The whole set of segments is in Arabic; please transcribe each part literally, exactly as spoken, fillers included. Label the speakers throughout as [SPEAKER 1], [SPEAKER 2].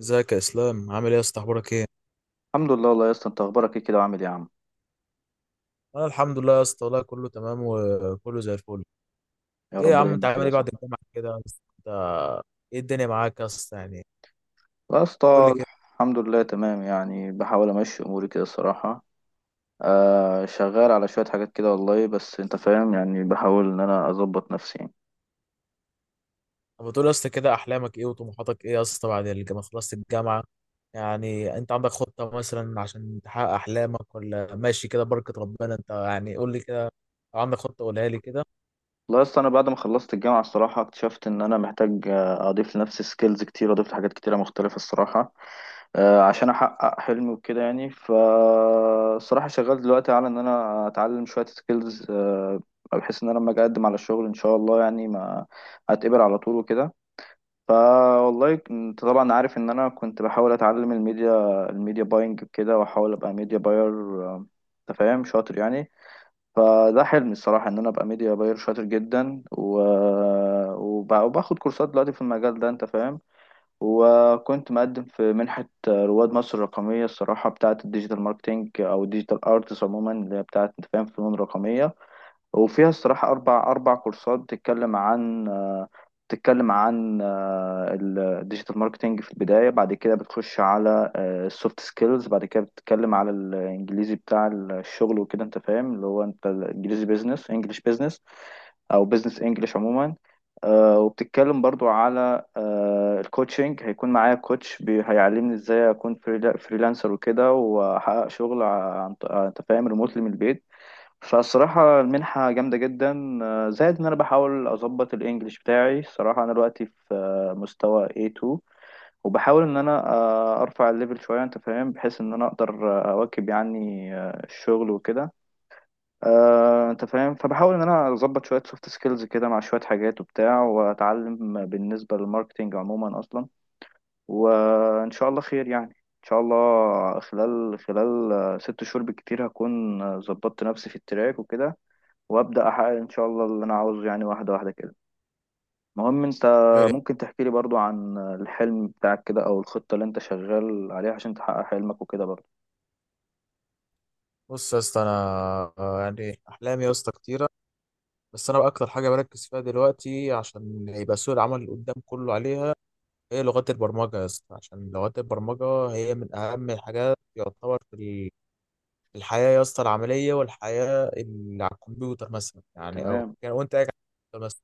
[SPEAKER 1] ازيك يا اسلام؟ عامل ايه يا اسطى؟ اخبارك ايه؟
[SPEAKER 2] الحمد لله والله يا اسطى، انت اخبارك ايه كده وعامل ايه يا عم؟
[SPEAKER 1] انا الحمد لله يا اسطى، والله كله تمام وكله زي الفل.
[SPEAKER 2] يا
[SPEAKER 1] ايه
[SPEAKER 2] رب
[SPEAKER 1] يا عم، انت
[SPEAKER 2] دايما
[SPEAKER 1] عامل
[SPEAKER 2] كده
[SPEAKER 1] ايه
[SPEAKER 2] صح.
[SPEAKER 1] بعد الجامعه كده يا اسطى؟ انت ايه الدنيا معاك يا اسطى يعني؟
[SPEAKER 2] يا
[SPEAKER 1] قول لي
[SPEAKER 2] اسطى.
[SPEAKER 1] كده.
[SPEAKER 2] الحمد لله تمام يعني بحاول امشي اموري كده الصراحه. آه شغال على شويه حاجات كده والله، بس انت فاهم يعني، بحاول ان انا اظبط نفسي يعني.
[SPEAKER 1] طب بتقول يا اسطى كده، احلامك ايه وطموحاتك ايه يا اسطى بعد الجامعه؟ خلصت الجامعه يعني، انت عندك خطه مثلا عشان تحقق احلامك ولا ماشي كده بركه ربنا؟ انت يعني قول لي كده، لو عندك خطه قولها لي كده.
[SPEAKER 2] لا، اصل انا بعد ما خلصت الجامعه الصراحه اكتشفت ان انا محتاج، آه، اضيف لنفسي سكيلز كتير، اضيف لحاجات كتيره مختلفه الصراحه. آه، عشان احقق حلمي وكده يعني، فالصراحه شغال دلوقتي على ان انا اتعلم شويه سكيلز، بحيث ان انا لما اجي اقدم على الشغل ان شاء الله يعني ما اتقبل على طول وكده. فوالله ك- انت طبعا عارف ان انا كنت بحاول اتعلم الميديا الميديا باينج كده، واحاول ابقى ميديا باير، انت فاهم، شاطر يعني. فده حلمي الصراحة إن أنا أبقى ميديا باير شاطر جدا و... وب... وباخد كورسات دلوقتي في المجال ده، أنت فاهم. وكنت مقدم في منحة رواد مصر الرقمية الصراحة، بتاعة الديجيتال ماركتينج أو الديجيتال أرتس عموما، اللي هي بتاعة أنت فاهم فنون رقمية. وفيها الصراحة أربع أربع كورسات بتتكلم عن، آه، بتتكلم عن الديجيتال ماركتينج في البداية، بعد كده بتخش على السوفت سكيلز، بعد كده بتتكلم على الإنجليزي بتاع الشغل وكده، أنت فاهم، اللي هو أنت الإنجليزي بيزنس إنجلش بيزنس، أو بيزنس إنجلش عموما. آه، وبتتكلم برضو على الكوتشنج، هيكون معايا كوتش بي- هيعلمني ازاي اكون فريلانسر وكده، واحقق شغل ع- عن- ط- آه، انت فاهم ريموتلي من البيت. فالصراحة المنحة جامدة جدا، آه، زائد إن أنا بحاول أظبط الإنجليش بتاعي الصراحة. أنا دلوقتي في آه، مستوى ايه تو، وبحاول إن أنا آه، أرفع الليفل شوية، أنت فاهم، بحيث إن أنا أقدر آه، أواكب يعني آه، الشغل وكده. آه، أنت فاهم، فبحاول إن أنا أظبط شوية سوفت سكيلز كده مع شوية حاجات وبتاع، وأتعلم بالنسبة للماركتينج عموما أصلا. وإن شاء الله خير يعني. إن شاء الله خلال خلال آه، ست شهور بالكتير هكون آه، ظبطت نفسي في التراك وكده، وابدا احقق ان شاء الله اللي انا عاوزه يعني، واحده واحده كده. المهم، انت
[SPEAKER 1] خير يعني.
[SPEAKER 2] ممكن تحكي لي برضو عن الحلم بتاعك كده، او الخطه اللي انت شغال عليها عشان تحقق حلمك وكده برضو؟
[SPEAKER 1] بص يا اسطى، انا آه، يعني احلامي يا اسطى كتيره، بس انا بقى اكتر حاجه بركز فيها دلوقتي عشان يبقى سوق العمل اللي قدام كله عليها هي لغات البرمجه يا اسطى. عشان لغات البرمجه هي من اهم الحاجات يعتبر في ال- في الحياه يا اسطى العمليه، والحياه اللي على الكمبيوتر مثلا يعني، او
[SPEAKER 2] تمام.
[SPEAKER 1] يعني وانت قاعد على الكمبيوتر مثلا.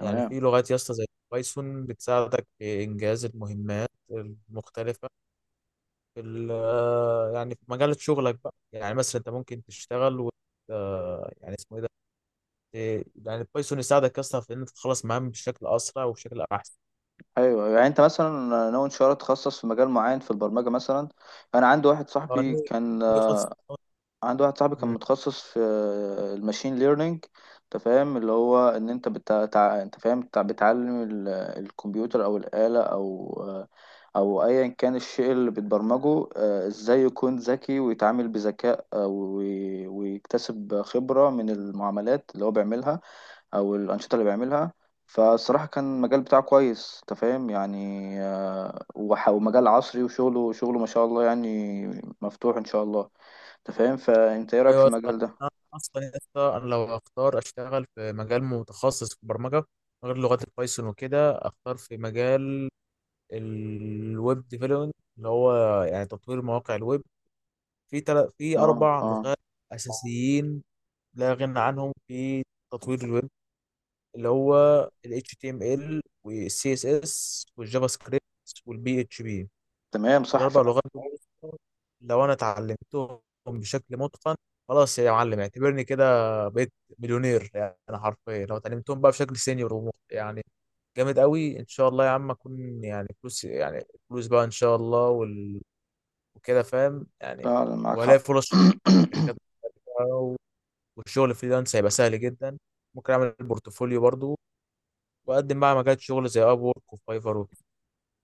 [SPEAKER 1] يعني في لغات يا اسطى زي بايثون بتساعدك في انجاز المهمات المختلفه في ال- يعني في مجال شغلك بقى. يعني مثلا انت ممكن تشتغل و آه، يعني اسمه ايه ده، إيه، يعني البايثون يساعدك اصلا في ان انت تخلص مهام بشكل اسرع وبشكل احسن.
[SPEAKER 2] ايوه، يعني انت مثلا ناوي ان شاء الله تخصص في مجال معين في البرمجه مثلا؟ انا عندي واحد
[SPEAKER 1] هو
[SPEAKER 2] صاحبي
[SPEAKER 1] ناوي-
[SPEAKER 2] كان،
[SPEAKER 1] ناوي خالص-
[SPEAKER 2] عندي واحد صاحبي كان
[SPEAKER 1] مم.
[SPEAKER 2] متخصص في الماشين ليرنينج، انت فاهم، اللي هو ان انت بتع... تع- انت فاهم بتع- بتعلم ال- الكمبيوتر او الآلة او او ايا كان الشيء اللي بتبرمجه، آه، ازاي يكون ذكي ويتعامل بذكاء، آه، وي- ويكتسب خبرة من المعاملات اللي هو بيعملها، او الأنشطة اللي بيعملها. فالصراحة كان المجال بتاعه كويس، انت فاهم يعني، آه، وح- ومجال عصري، وشغله شغله ما شاء الله يعني مفتوح ان شاء الله. انت فاهم، فانت ايه رايك في
[SPEAKER 1] ايوه أصلاً.
[SPEAKER 2] المجال ده؟
[SPEAKER 1] انا اصلا يا اسطى، انا لو اختار اشتغل في مجال متخصص في البرمجه غير لغات البايثون وكده، اختار في مجال الويب ديفلوبمنت، اللي هو يعني تطوير مواقع الويب. في تل... في
[SPEAKER 2] اه.
[SPEAKER 1] اربع
[SPEAKER 2] اه.
[SPEAKER 1] لغات اساسيين لا غنى عنهم في تطوير الويب، اللي هو ال H T M L وال سي إس إس والجافا سكريبت والبي اتش بي.
[SPEAKER 2] تمام، صح
[SPEAKER 1] الاربع
[SPEAKER 2] فعلا.
[SPEAKER 1] لغات دول لو انا اتعلمتهم بشكل متقن، خلاص يا معلم اعتبرني كده بقيت مليونير. يعني انا حرفيا لو اتعلمتهم بقى بشكل سينيور ومخ- يعني جامد قوي، ان شاء الله يا عم اكون يعني فلوس يعني، فلوس بقى ان شاء الله وال... وكده فاهم يعني.
[SPEAKER 2] فعلا معاك
[SPEAKER 1] وهلاقي
[SPEAKER 2] حق.
[SPEAKER 1] فرص شغل في الشركات بقى، والشغل فريلانس هيبقى سهل جدا. ممكن اعمل بورتفوليو برضو واقدم بقى مجال شغل زي اب وورك وفايفر وكده.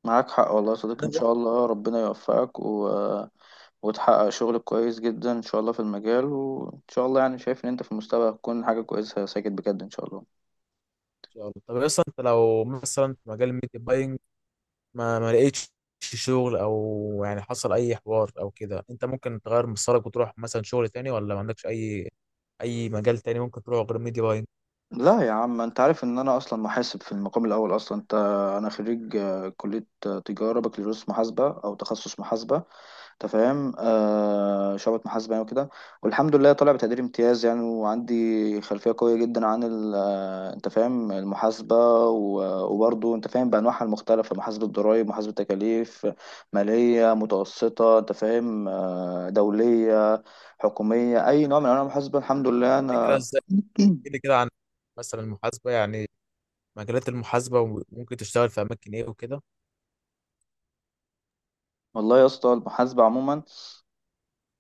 [SPEAKER 2] معاك حق والله يا صديقي، ان
[SPEAKER 1] ان
[SPEAKER 2] شاء الله ربنا يوفقك، و... وتحقق شغل كويس جدا ان شاء الله في المجال، وان شاء الله يعني شايف ان انت في المستقبل هتكون حاجه كويسه يا ساجد بجد ان شاء الله.
[SPEAKER 1] شاء الله. طب اصلا انت لو مثلا في مجال الميديا باينج ما ما لقيتش شغل او يعني حصل اي حوار او كده، انت ممكن تغير مسارك وتروح مثلا شغل تاني، ولا ما عندكش اي اي مجال تاني ممكن تروح غير ميديا باينج؟
[SPEAKER 2] لا يا عم، انت عارف ان انا اصلا محاسب في المقام الاول اصلا، انت. انا خريج آه، كليه آه، تجاره، بكالوريوس محاسبه، او تخصص محاسبه، انت فاهم، آه شعبة محاسبة يعني وكده. والحمد لله طالع بتقدير امتياز يعني، وعندي خلفية قوية جدا عن ال- آه، انت فاهم المحاسبة، و- وبرضه انت فاهم بأنواعها المختلفة، محاسبة ضرائب، محاسبة تكاليف، مالية متوسطة، انت فاهم، آه، دولية، حكومية، أي نوع من أنواع المحاسبة الحمد لله
[SPEAKER 1] كده كده
[SPEAKER 2] أنا.
[SPEAKER 1] ازاي؟ كده كده عن مثلا المحاسبة يعني، مجالات المحاسبة وممكن تشتغل في اماكن ايه وكده.
[SPEAKER 2] والله يا اسطى المحاسبة عموما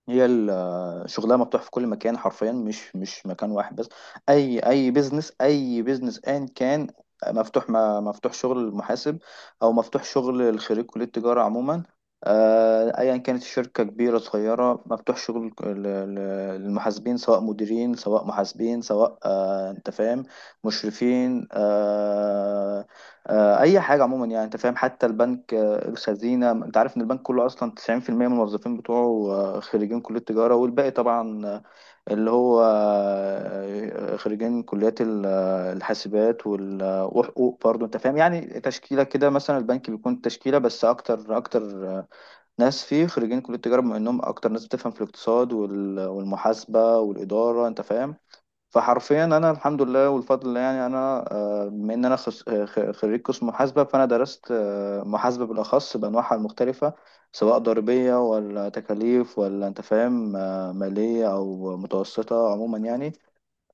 [SPEAKER 2] هي، ال- شغلها مفتوح في كل مكان حرفيا، مش مش مكان واحد بس. اي اي بيزنس، اي بيزنس ان كان، مفتوح، ما مفتوح شغل المحاسب، او مفتوح شغل خريج كلية التجارة عموما. آه، ايا كانت الشركة كبيرة صغيرة، مفتوح شغل ال- ال- المحاسبين، سواء مديرين، سواء محاسبين، سواء آه، انت فاهم مشرفين، آه، آه، اي حاجة عموما يعني، انت فاهم، حتى البنك، الخزينة، انت عارف ان البنك كله اصلا تسعين في المية من الموظفين بتوعه آه، خريجين كلية تجارة، والباقي طبعا، آه، اللي هو آه، آه، خريجين كليات ال- آه، الحاسبات وال- آه، وحقوق برضه، انت فاهم يعني، تشكيلة كده. مثلا البنك بيكون تشكيلة، بس اكتر اكتر آه، ناس فيه خريجين كلية تجارة، بما انهم اكتر ناس بتفهم في الاقتصاد وال- والمحاسبة والإدارة، انت فاهم. فحرفيا انا الحمد لله والفضل لله، يعني انا آه، بما ان انا خس- آه، خ- خريج قسم محاسبه، فانا درست آه، محاسبه بالاخص بانواعها المختلفه، سواء ضريبيه ولا تكاليف ولا انت فاهم آه، ماليه او متوسطه عموما يعني.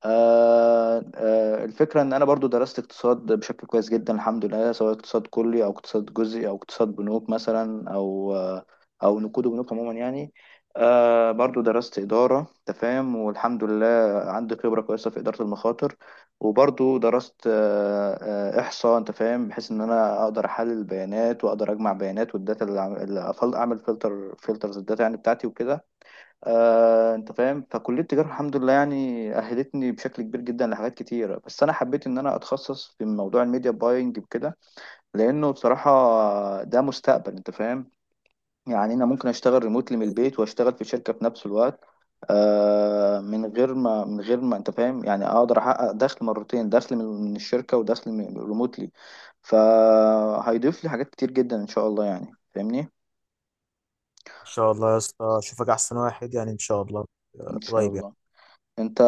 [SPEAKER 2] آه، آه، الفكرة إن أنا برضو درست اقتصاد بشكل كويس جدا الحمد لله، سواء اقتصاد كلي أو اقتصاد جزئي أو اقتصاد بنوك مثلا، أو آه، أو نقود وبنوك عموما يعني. آه، برضو درست إدارة تفاهم، والحمد لله عندي خبرة كويسة في إدارة المخاطر. وبرضو درست آه، آه، إحصاء، أنت فاهم، بحيث إن أنا أقدر أحلل البيانات، وأقدر أجمع بيانات، والداتا اللي أعمل أعمل فلتر فلترز الداتا يعني بتاعتي وكده. آه، انت فاهم، فكليه التجاره الحمد لله يعني اهلتني بشكل كبير جدا لحاجات كتيره، بس انا حبيت ان انا اتخصص في موضوع الميديا باينج وكده، لانه بصراحه ده مستقبل، انت فاهم، يعني انا ممكن اشتغل ريموتلي من البيت واشتغل في شركه في نفس الوقت، آه، من غير ما من غير ما انت فاهم، يعني اقدر احقق دخل مرتين، دخل من من الشركه، ودخل من ريموتلي. فهيضيف لي حاجات كتير جدا ان شاء الله يعني، فاهمني؟
[SPEAKER 1] ان شاء الله يا اسطى اشوفك احسن واحد يعني ان شاء الله، آه،
[SPEAKER 2] ان شاء
[SPEAKER 1] قريب يعني.
[SPEAKER 2] الله انت.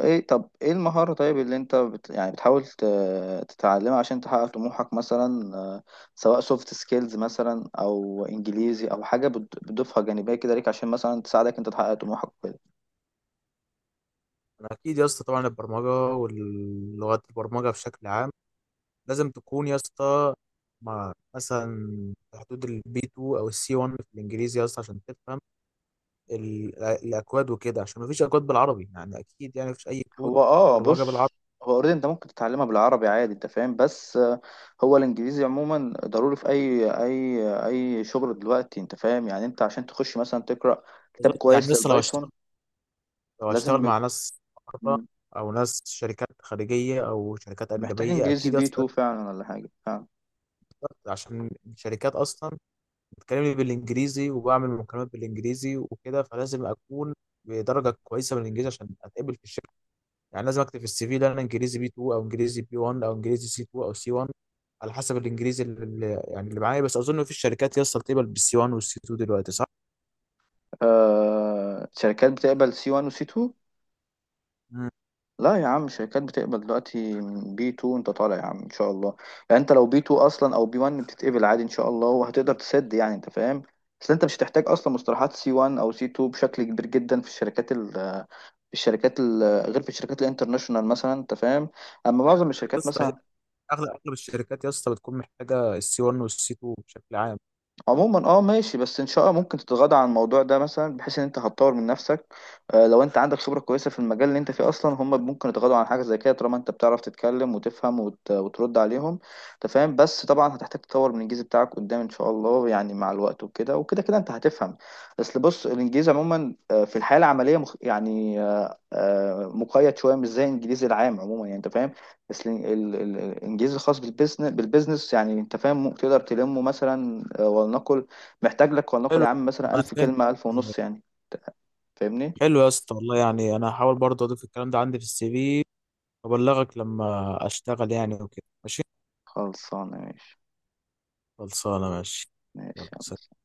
[SPEAKER 2] ايه؟ طب ايه المهارة طيب اللي انت بت... يعني بتحاول ت... تتعلمها عشان تحقق طموحك، مثلا آه، سواء سوفت سكيلز مثلا، او انجليزي، او حاجة بت... بتضيفها جانبية كده ليك، عشان مثلا تساعدك انت تحقق طموحك وكده؟
[SPEAKER 1] انا اكيد يا اسطى طبعا البرمجة واللغات البرمجة بشكل عام لازم تكون يا اسطى مع مثلا في حدود البي تو او السي وان في الانجليزي يا اسطى عشان تفهم ال- الاكواد وكده، عشان مفيش اكواد بالعربي يعني، اكيد يعني مفيش اي كود
[SPEAKER 2] هو اه،
[SPEAKER 1] برمجه بالعربي.
[SPEAKER 2] بص، هو اوريدي انت ممكن تتعلمها بالعربي عادي، انت فاهم، بس آه، هو الانجليزي عموما ضروري في اي اي اي شغل دلوقتي، انت فاهم يعني، انت عشان تخش مثلا تقرأ كتاب
[SPEAKER 1] يعني
[SPEAKER 2] كويس
[SPEAKER 1] لسه لو
[SPEAKER 2] للبايثون
[SPEAKER 1] هشتغل لو هشتغل
[SPEAKER 2] لازم
[SPEAKER 1] مع ناس بره
[SPEAKER 2] يكون-
[SPEAKER 1] او ناس شركات خارجيه او شركات
[SPEAKER 2] محتاج
[SPEAKER 1] اجنبيه،
[SPEAKER 2] انجليزي
[SPEAKER 1] اكيد
[SPEAKER 2] بي
[SPEAKER 1] اصلا
[SPEAKER 2] اتنين فعلا ولا حاجة فعلا.
[SPEAKER 1] عشان الشركات اصلا بتكلمني بالانجليزي وبعمل مكالمات بالانجليزي وكده، فلازم اكون بدرجه كويسه من الانجليزي عشان اتقبل في الشركه. يعني لازم اكتب في السي في ده انا انجليزي بي تو او انجليزي بي وان او انجليزي سي تو او سي وان، على حسب الانجليزي اللي اللي- يعني اللي معايا، بس اظن في الشركات يا اسطى بتقبل بالسي وان والسي اتنين دلوقتي، صح؟
[SPEAKER 2] آه، شركات بتقبل سي واحد وسي اتنين.
[SPEAKER 1] مم.
[SPEAKER 2] لا يا عم، شركات بتقبل دلوقتي من بي اتنين، انت طالع يا عم ان شاء الله، يعني انت لو بي اتنين اصلا او بي واحد بتتقبل عادي ان شاء الله، وهتقدر تسد يعني، انت فاهم. بس انت مش هتحتاج اصلا مصطلحات سي واحد او سي اتنين بشكل كبير جدا في الشركات ال في الشركات ال غير في الشركات الانترناشونال مثلا، انت فاهم، اما معظم
[SPEAKER 1] يا
[SPEAKER 2] الشركات
[SPEAKER 1] اسطى
[SPEAKER 2] مثلا
[SPEAKER 1] اغلب اغلب الشركات يا اسطى بتكون محتاجه السي وان والسي تو بشكل عام.
[SPEAKER 2] عموما اه ماشي. بس ان شاء الله ممكن تتغاضى عن الموضوع ده مثلا، بحيث ان انت هتطور من نفسك. آه، لو انت عندك خبرة كويسة في المجال اللي انت فيه اصلا، هم ممكن يتغاضوا عن حاجة زي كده طالما انت بتعرف تتكلم وتفهم وت... وترد عليهم، انت فاهم. بس طبعا هتحتاج تطور من الانجليزي بتاعك قدام ان شاء الله يعني مع الوقت وكده، وكده كده انت هتفهم. بس بص، الانجليزي عموما آه، في الحياة العملية مخ... يعني آه، آه، مقيد شوية، مش زي الانجليزي العام عموما يعني، انت فاهم. بس ال- ال- ال- الانجليزي الخاص بالبيزنس بالبيزنس يعني، انت فاهم، تقدر تلمه مثلا، آه، ولنقل محتاج لك، ولنقل
[SPEAKER 1] حلو.
[SPEAKER 2] يا عم مثلا
[SPEAKER 1] أنا
[SPEAKER 2] ألف
[SPEAKER 1] فاهم.
[SPEAKER 2] كلمة ألف ونص يعني، فاهمني.
[SPEAKER 1] حلو يا اسطى والله، يعني انا هحاول برضه اضيف الكلام ده عندي في السي في وابلغك لما اشتغل يعني وكده، ماشي.
[SPEAKER 2] خلصانة ماشي.
[SPEAKER 1] خلصانه، ماشي.
[SPEAKER 2] ماشي يلا.
[SPEAKER 1] يلا.